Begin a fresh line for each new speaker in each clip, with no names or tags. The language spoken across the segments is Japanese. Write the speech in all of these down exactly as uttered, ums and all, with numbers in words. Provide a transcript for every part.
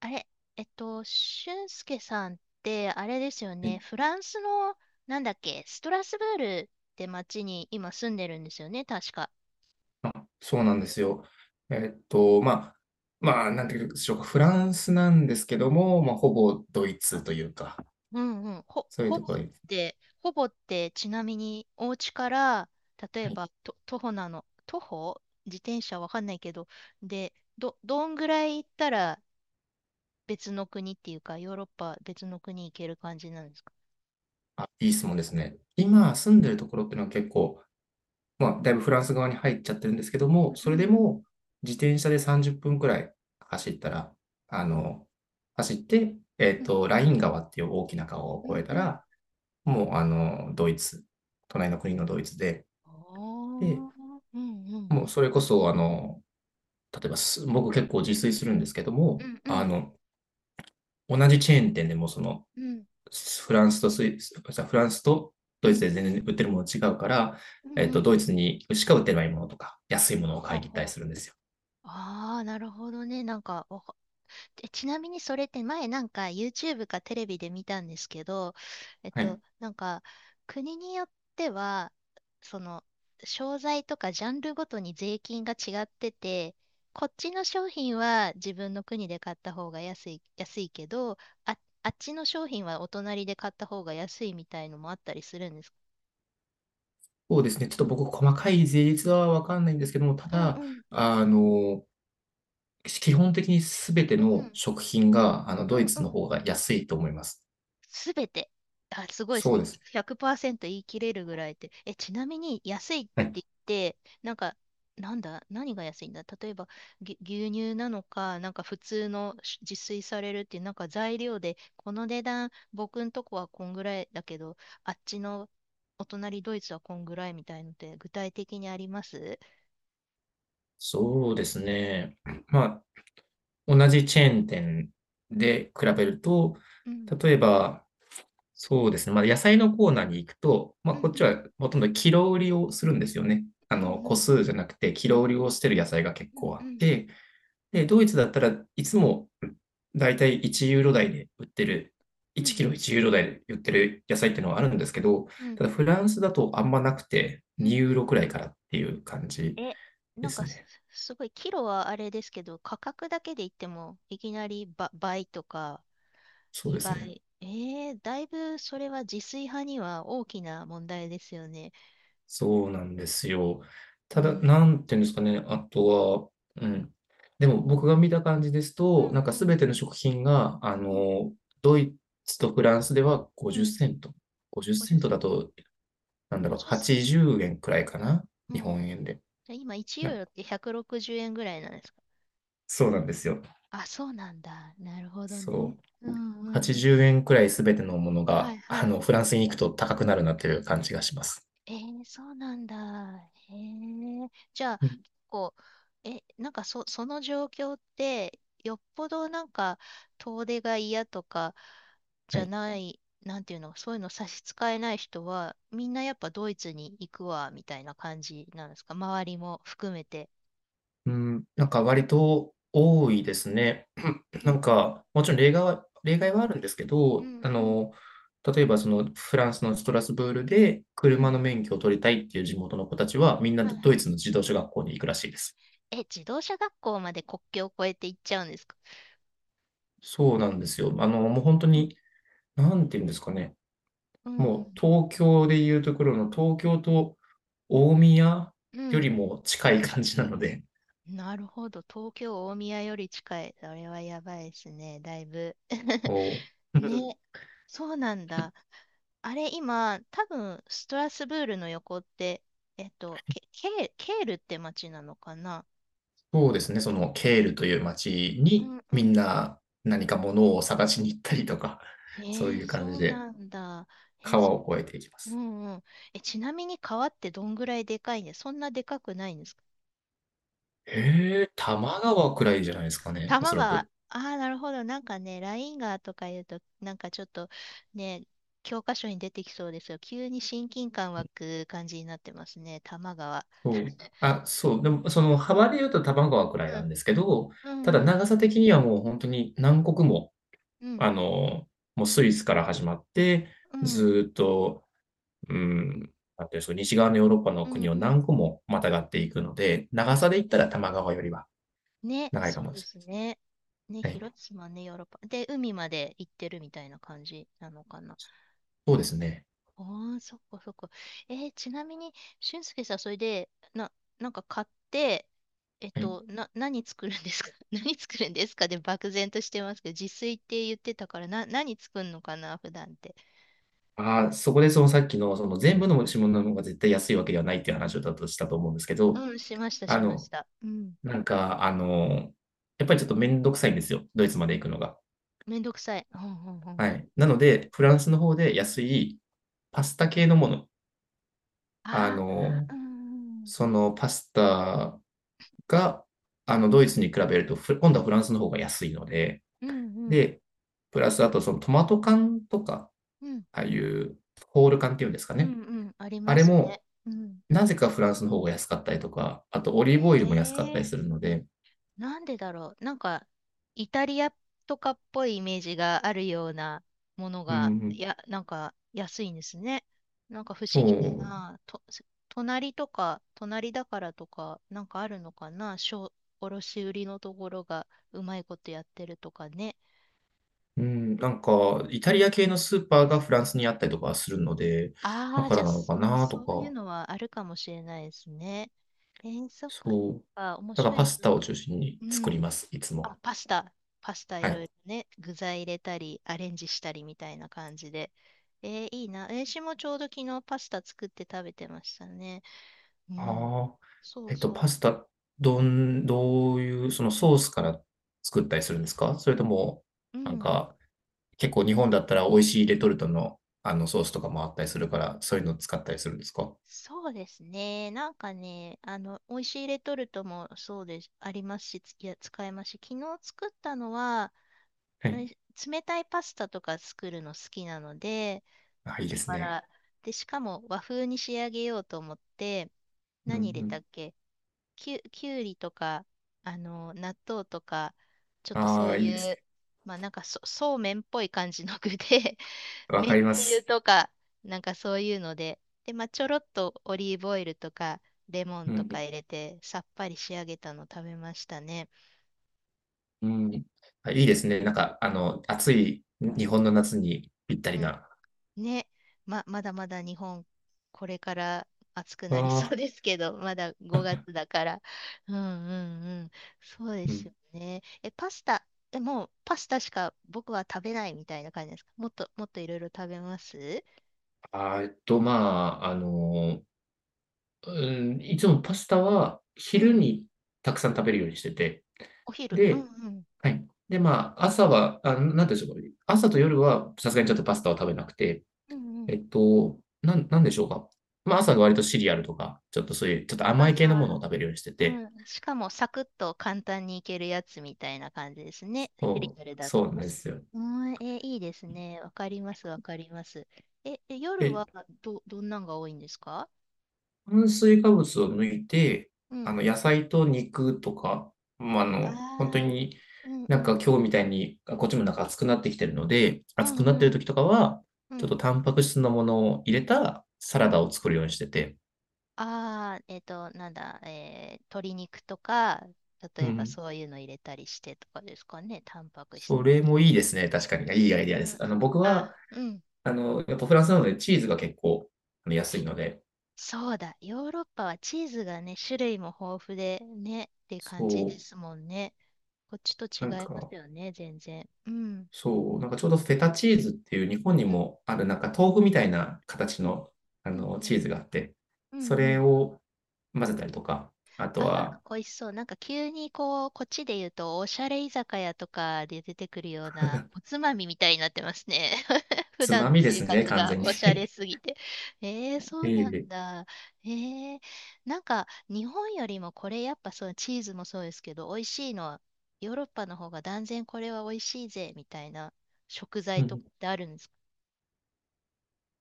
あれ、えっと、俊介さんって、あれですよね、フランスの、なんだっけ、ストラスブールって町に今住んでるんですよね、確か。
あ、そうなんですよ。えっと、まあ、まあ、なんていうんでしょうか、フランスなんですけども、まあ、ほぼドイツというか、
うんうん。ほ、
そういう
ほ
と
ぼ
ころ
っ
に、
て、ほぼって、ちなみに、お家から、例え
はい、
ば、と、徒歩なの、徒歩、自転車わかんないけど、で、ど、どんぐらい行ったら別の国っていうか、ヨーロッパ別の国行ける感じなんですか？
あ、いい質問ですね。
うん。
今住んでるところっていうのは結構、まあ、だいぶフランス側に入っちゃってるんですけど
う
も、
ん
それで
うんうん。
も自転車でさんじゅっぷんくらい走ったら、あの、走って、えっ
う
と、
ん
ライン川っていう大きな川を
う
越え
んう
た
ん。
ら、もう、あの、ドイツ、隣の国のドイツで、で、
おー。うんうん。
もうそれこそ、あの、例えばす、僕結構自炊するんですけど
う
も、
んう
あ
ん
の、同じチェーン店でもその、
うん
フランスとスイス、フランスと
う
ドイツ
ん
で全然売ってるもの違うから、
う
え
ん
っ
う
と、
ん。
ドイツにしか売ってないものとか、安いもの
ほ
を買
ほ
いに行ったり
ほ、
するんですよ。
ああー、なるほどね。なんか、わかえちなみにそれって前なんか YouTube かテレビで見たんですけど、えっ
は
と、
い。
なんか、国によっては、その、商材とかジャンルごとに税金が違ってて、こっちの商品は自分の国で買った方が安い、安いけど、あ、あっちの商品はお隣で買った方が安いみたいのもあったりするんですか？
そうですね。ちょっと僕、細かい税率はわかんないんですけども、た
うん
だ、
うん
あの、基本的にすべて
う
の
ん
食品が、あの、
う
ドイ
んう
ツの
ん。
方が安いと思います。
すべて、あ、すごいです
そう
ね。
です
ひゃくパーセント言い切れるぐらいで、えちなみに安いっ
ね。はい。
て言って、なんか、なんだ、何が安いんだ。例えば牛牛乳なのか、なんか普通の自炊されるっていうなんか材料で、この値段僕んとこはこんぐらいだけど、あっちのお隣ドイツはこんぐらいみたいので、具体的にあります？
そうですね。まあ、同じチェーン店で比べると、
うん
例えば、そうですね、まあ、野菜のコーナーに行くと、まあ、
うん
こっ
う
ち
ん
はほとんどキロ売りをするんですよね。
う
あ
んう
の、個
ん
数じゃなくて、キロ売りをしてる野菜が結構あ
う
っ
ん
て、で、ドイツだったらいつもだいたいいちユーロ台で売ってる、
うんう
1
ん
キロ
うん
いちユーロ台で売ってる野菜っていうのはあるんですけど、
うん
ただフランスだとあんまなくて、
うんう
に
ん。
ユーロくらいからっていう感じ
え、
で
なんか
す
す、
ね。
すごい、キロはあれですけど、価格だけで言っても、いきなりば倍とか
そうです
2
ね。
倍。えー、だいぶそれは自炊派には大きな問題ですよね。
そうなんですよ。
う
ただ、
ん。
なんていうんですかね、あとは、うん。でも僕が見た感じです
う
と、
ん
なんか
う
す
ん
べての食品が、あ
うん
の、ドイツとフランスでは
う
ごじゅっ
ん。
セント。ごじゅっセ
ごじゅう
ント
セ
だ
ント。
と、なんだろう、
ごじゅうセン
80
ト。
円くらいかな、
う
日
ん。
本円で。
じゃあ今いちユー
な
ロってひゃくろくじゅうえんぐらいなんですか？
そうなんですよ。
あ、そうなんだ。なるほどね。
そ
う
う。
んう
80
ん。
円くらいすべてのもの
は
が、
い
あ
はい。
の、フランスに行くと高くなるなという感じがします。
えー、そうなんだ。へえ。じゃあ、
うん、
結構、え、なんかそ、その状況って、よっぽどなんか、遠出が嫌とか、じ
は
ゃ
い。
ない、なんていうの、そういうの差し支えない人は、みんなやっぱドイツに行くわ、みたいな感じなんですか？周りも含めて。
うん、なんか割と多いですね。
う
な
ん
ん
うん。
か、もちろん例外は例外はあるんですけ
う
ど、
ん
あ
うん。
の、例えばそのフランスのストラスブールで
う
車
ん。
の免許を取りたいっていう地元の子たちは、みんな
はい
ド
は
イ
い。
ツの自動車学校に行くらしいです。
え、自動車学校まで国境を越えて行っちゃうんですか？
そうなんですよ。あの、もう本当
うん。
になんていうんですかね、
うんう
もう
ん。
東京でいうところの東京と大宮
う
より
ん、
も近い感じなので、
なるほど。東京、大宮より近い。それはやばいですね、だいぶ。
もう
ね、そうなんだ。あれ、今、多分、ストラスブールの横って、えっと、ケ、ケーケールって町なのかな？
そうですね、そのケールという町
う
に
んう
みん
ん。
な何か物を探しに行ったりとか、
え
そう
ー、
いう感
そ
じ
う
で
なんだ。えー
川
そ、
を越えていきま
う
す。
んうん。え、ちなみに川ってどんぐらいでかいんで、そんなでかくないんですか？
へえ、多摩川くらいじゃないですかね、お
玉
そら
川、あ
く。
あ、なるほど。なんかね、ラインガーとか言うと、なんかちょっと、ね、教科書に出てきそうですよ。急に親近感湧く感じになってますね、玉川。
そう。あ、そう、でもその幅で言うと多摩川くらい
う
なん
ん、
ですけど、
う
ただ
ん、うん、
長さ的にはもうほんとに何国も、
うん、
あの、もうスイスから始まって、ずっと、うーん、なんていうんす西側のヨーロッパの
うん、
国を
うん。
何個もまたがっていくので、
あ
長
あ、
さ
そっ
で言っ
か。
たら多摩川よりは
ね、
長いか
そう
もで
で
す。
すね。ね、
はい、
広島ね、ヨーロッパ。で、海まで行ってるみたいな感じなのかな。
そうですね。
ああ、そっかそっか。えーちなみに、俊介さん、それで、な、なんか買って、えっ
はい。
と、な、何作るんですか？ 何作るんですかで、漠然としてますけど、自炊って言ってたから、な、何作るのかな、普段って。
ああ、そこでそのさっきの、その全部の持
う
ち物の方が絶対安いわけではないっていう話をだとしたと思うんですけど、
ん、うん、しました、
あ
しまし
の、
た。うん。
なんか、あの、やっぱりちょっとめんどくさいんですよ、ドイツまで行くのが。
めんどくさい。うん、うん、うん、
は
うん。
い。なので、フランスの方で安いパスタ系のもの、あ
あ
の、
あ、うん、
そのパスタが、あの、ドイツに比べると、ふ今度はフランスの方が安いので、
うん、うん、うん、
で、プラスあとそのトマト缶とか、
うん、
ああいうホール缶っていうんですか
うん、
ね。
うん、あり
あ
ま
れ
す
も
ね。うん。
なぜかフランスの方が安かったりとか、あとオリーブオイルも安かった
へ
り
え。
するので、
なんでだろう。なんか、イタリアとかっぽいイメージがあるようなもの
う
が、い
ん、
や、なんか安いんですね。なんか不思
そ
議だな。と、隣とか、隣だからとか、なんかあるのかな。小、卸売りのところがうまいことやってるとかね。
う、うん、なんか、イタリア系のスーパーがフランスにあったりとかするので、だ
ああ、
か
じゃ
ら
あ、
なの
す
か
うん、
なと
そういう
か、
のはあるかもしれないですね。えー、そっか、そっ
そう。
か、面
だから
白い
パスタを
な。
中心に
う
作り
ん。
ます、いつ
あ、
も。
パスタ、パスタい
は
ろ
い。
いろね、具材入れたり、アレンジしたりみたいな感じで。えーいいな。えー、私もちょうど昨日パスタ作って食べてましたね。うん。
ああ、
そう
えっと、
そ
パスタ、どん、どういう、そのソースから作ったりするんですかそれとも、
う。う
なん
ん。
か、結構日本だったら美味しいレトルトの、あのソースとかもあったりするから、そういうのを使ったりするんですか
そうですね。なんかね、あの、美味しいレトルトもそうです、ありますし、ついや、使えますし、昨日作ったのは、
は
え
い。
冷たいパスタとか作るの好きなので、
あ、いい
だ
です
か
ね。
ら、で、しかも和風に仕上げようと思って、
うん
何入れ
うん。
たっけ、きゅ、きゅうりとか、あの、納豆とか、ちょっとそ
あ
う
あ、いいです
い
ね。
う、まあなんか、そ、そうめんっぽい感じの具で、
わ
めん
かりま
つゆ
す。
とか、なんかそういうので、で、まあちょろっとオリーブオイルとか、レモン
う
と
ん
か入れて、さっぱり仕上げたの食べましたね。
うん。うん。あ、いいですね。なんか、あの、暑い日本の夏にぴった
う
り
ん、
な。
ね、ま、まだまだ日本、これから暑く
あ
なりそう
あ、
ですけど、まだごがつだから。うんうんうん。そうで
う
す
ん。
よね。え、パスタ、え、もうパスタしか僕は食べないみたいな感じですか？もっと、もっといろいろ食べます？
あー、えっと、まあ、あの、うん、いつもパスタは
う
昼
ん。
にたくさん食べるようにしてて、
お昼。うんう
で
ん。
はい。で、まあ、朝は、あ、なんていうんでしょうかね朝と夜はさすが
う
にちょ
ん
っとパスタは食べなくて、
うんうん。
えっと、なんなんでしょうか。まあ、朝は割とシリアルとか、ちょっとそういうちょっと甘い系の
あ、
ものを食べるようにして
う
て
ん。しかもサクッと簡単にいけるやつみたいな感じですね、フリ
そう、
アルだ
そ
と
うなん
ね。
ですよ。
うん、えー、いいですね。わかります、わかります。え、え
え、
夜はど、どんなんが多いんですか？
炭水化物を抜いて、
う
あ
ん。
の、野菜と肉とか、まあ、あ
あ
の、本当
あ、
に、
うんう
なん
ん。
か今日みたいに、あ、こっちもなんか暑くなってきてるので、
う
暑くな
ん
って
う
る
ん。
時とかは、
う
ちょっと
ん
タンパク質のものを入れたサ
う
ラダ
ん。
を作るようにしてて。
ああ、えっと、なんだ、えー、鶏肉とか、
う
例えば
ん。
そういうの入れたりしてとかですかね、タンパク質
そ
っ
れ
て。
もいいですね、確かに。いいアイディア
う
で
ん
す。あ
う
の、
ん。
僕
あ、
は、
うん、
あの、やっぱフランスなのでチーズが結構、あの、安いので、
そうだ、ヨーロッパはチーズがね、種類も豊富でね、って感
そ
じですもんね。こっちと
う、
違
なん
います
か
よね、全然。うん。
そう、なんかちょうどフェタチーズっていう日本に
うん。
もあるなんか豆腐みたいな形
うん。
の、あ
うん。
の、
うん。
チーズがあって、
う
そ
んう
れ
ん。
を混ぜたりとか、あと
ああ、
は
美味しそう。なんか急にこう、こっちで言うと、おしゃれ居酒屋とかで出てくるような、おつまみみたいになってますね。普
つ
段
ま
の
みで
生
すね、
活
完
が
全に。
おしゃれ すぎて。えー、そう
え
な
え。
んだ。えー、なんか日本よりもこれやっぱそう、チーズもそうですけど、美味しいのはヨーロッパの方が断然これは美味しいぜみたいな食
う
材とか
ん。
ってあるんですか？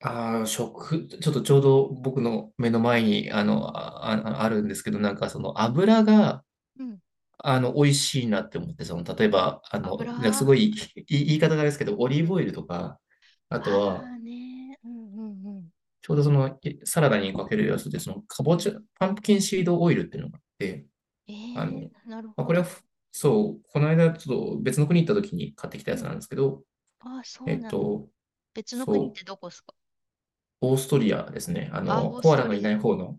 ああ、食ちょっとちょうど僕の目の前に、あ
う
の、
ん。
あああるんですけど、なんかその油が、
うん。
あの、美味しいなって思って、その例えば、あの、なんかす
油、
ごい、い言い
う
方
ん
があれですけど、オリー
う
ブ
ん。
オイルとか、あと
あ
は
あね。うんうんうん。
ちょうどそのサラダにかけるやつで、そのかぼ
う
ち
ん。
ゃ、パンプキンシードオイルっていうのがあって、
え
あの、
ー、なる
まあ、
ほ
これ
ど。
はふ、そう、この間ちょっと別の国行った時に買ってきた
う
やつな
ん。
んですけど、
ああ、そ
え
う
っ
なんだ。
と、
別の国っ
そ
てどこですか？
う、オーストリアですね。あ
あ、オ
の、
ー
コ
ス
アラ
ト
のい
リ
な
ア。
い方の、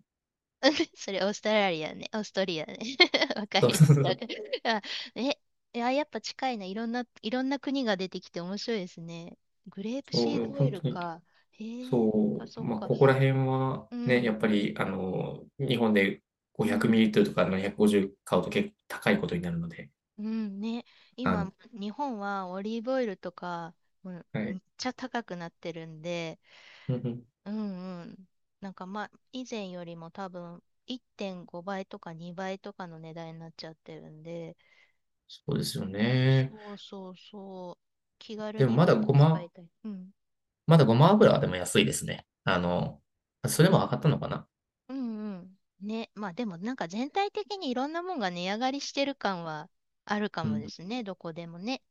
それオーストラリアね。オーストリアね。わか
そう
るよ。
そうそ
わ
う、
かる。あ、え、いや、やっぱ近いな。いろんな、いろんな国が出てきて面白いですね。グレープ
そ
シー
う
ドオイ
本
ル
当に、
か。へえ、そっか
そう、
そっ
まあ、
か。
ここら辺は
う
ね、や
ん、
っぱり、あの、日本で
う
ごひゃく
ん、
ミリリットルとかななひゃくごじゅう買うと結構高いことになるので、
うん、ね。
あの、
今、日本はオリーブオイルとか、うん、
は
めっ
い。
ちゃ高くなってるんで、
うんうん
うんうん。なんかまあ、以前よりも多分いってんごばいとかにばいとかの値段になっちゃってるんで、
そうですよね。
そうそうそう。気軽
でも
に、もっ
まだ
と
ご
使
ま
いたい。うん。
まだごま油はでも安いですね。あの、それも上がったのかな
うんうん。ね、まあでもなんか全体的にいろんなもんが値上がりしてる感はあるか
う
もで
ん、
すね、どこでもね。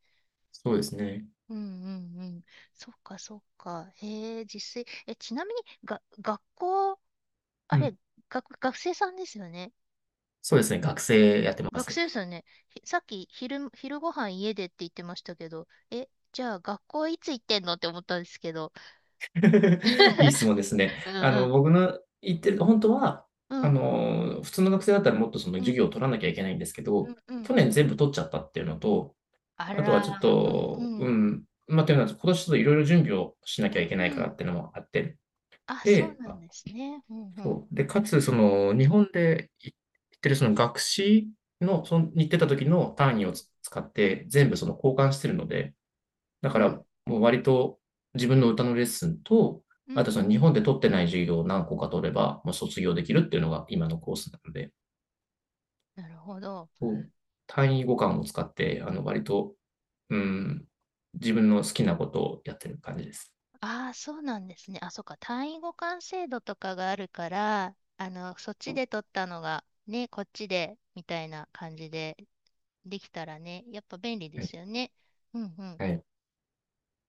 そうですね。
うんうんうん。そっかそっか。へえ、実際、え、ちなみにが、学校、あ
う
れ、
ん、
学、学生さんですよね。
そうですね、学生やってま
学
す。
生ですよね。ひさっき昼、昼ご飯家でって言ってましたけど、え、じゃあ学校いつ行ってんのって思ったんですけど。
いい質問ですね。
うん
あ
う
の、
ん。
僕の言ってる本当は、
う
あ
ん、
の、普通の学生だったらもっとその
うんうん、
授業を取らなきゃいけないんですけ
う
ど、
んうん。
去年全部取っちゃったっていうのと、
あ
あとはちょっ
ら、うん
と、
う
う
ん。
ん、まあ、というのは、今年ちょっといろいろ準備をしな
う
きゃい
ん
けないか
う
らっ
ん。
ていうのもあって、
あ、そう
で、
なんですね。うんうん。
そう。で、かつ、その、日本でい行ってるその学士の、その、に行ってた時の単位
うん
をつ使って、全部その交換してるので、だ
う
から
ん。
もう割と自分の歌のレッスンと、
うんう
あとその
ん。
日本で取ってない授業を何個か取れば、もう卒業できるっていうのが今のコースなので、
なるほど。
こう単位互換を使って、あの、割と、うん、自分の好きなことをやってる感じです。
ああ、そうなんですね。あ、そっか。単位互換制度とかがあるから、あの、そっちで取ったのが、ね、こっちで、みたいな感じでできたらね、やっぱ便利で
はい。
すよね。うんうん
はい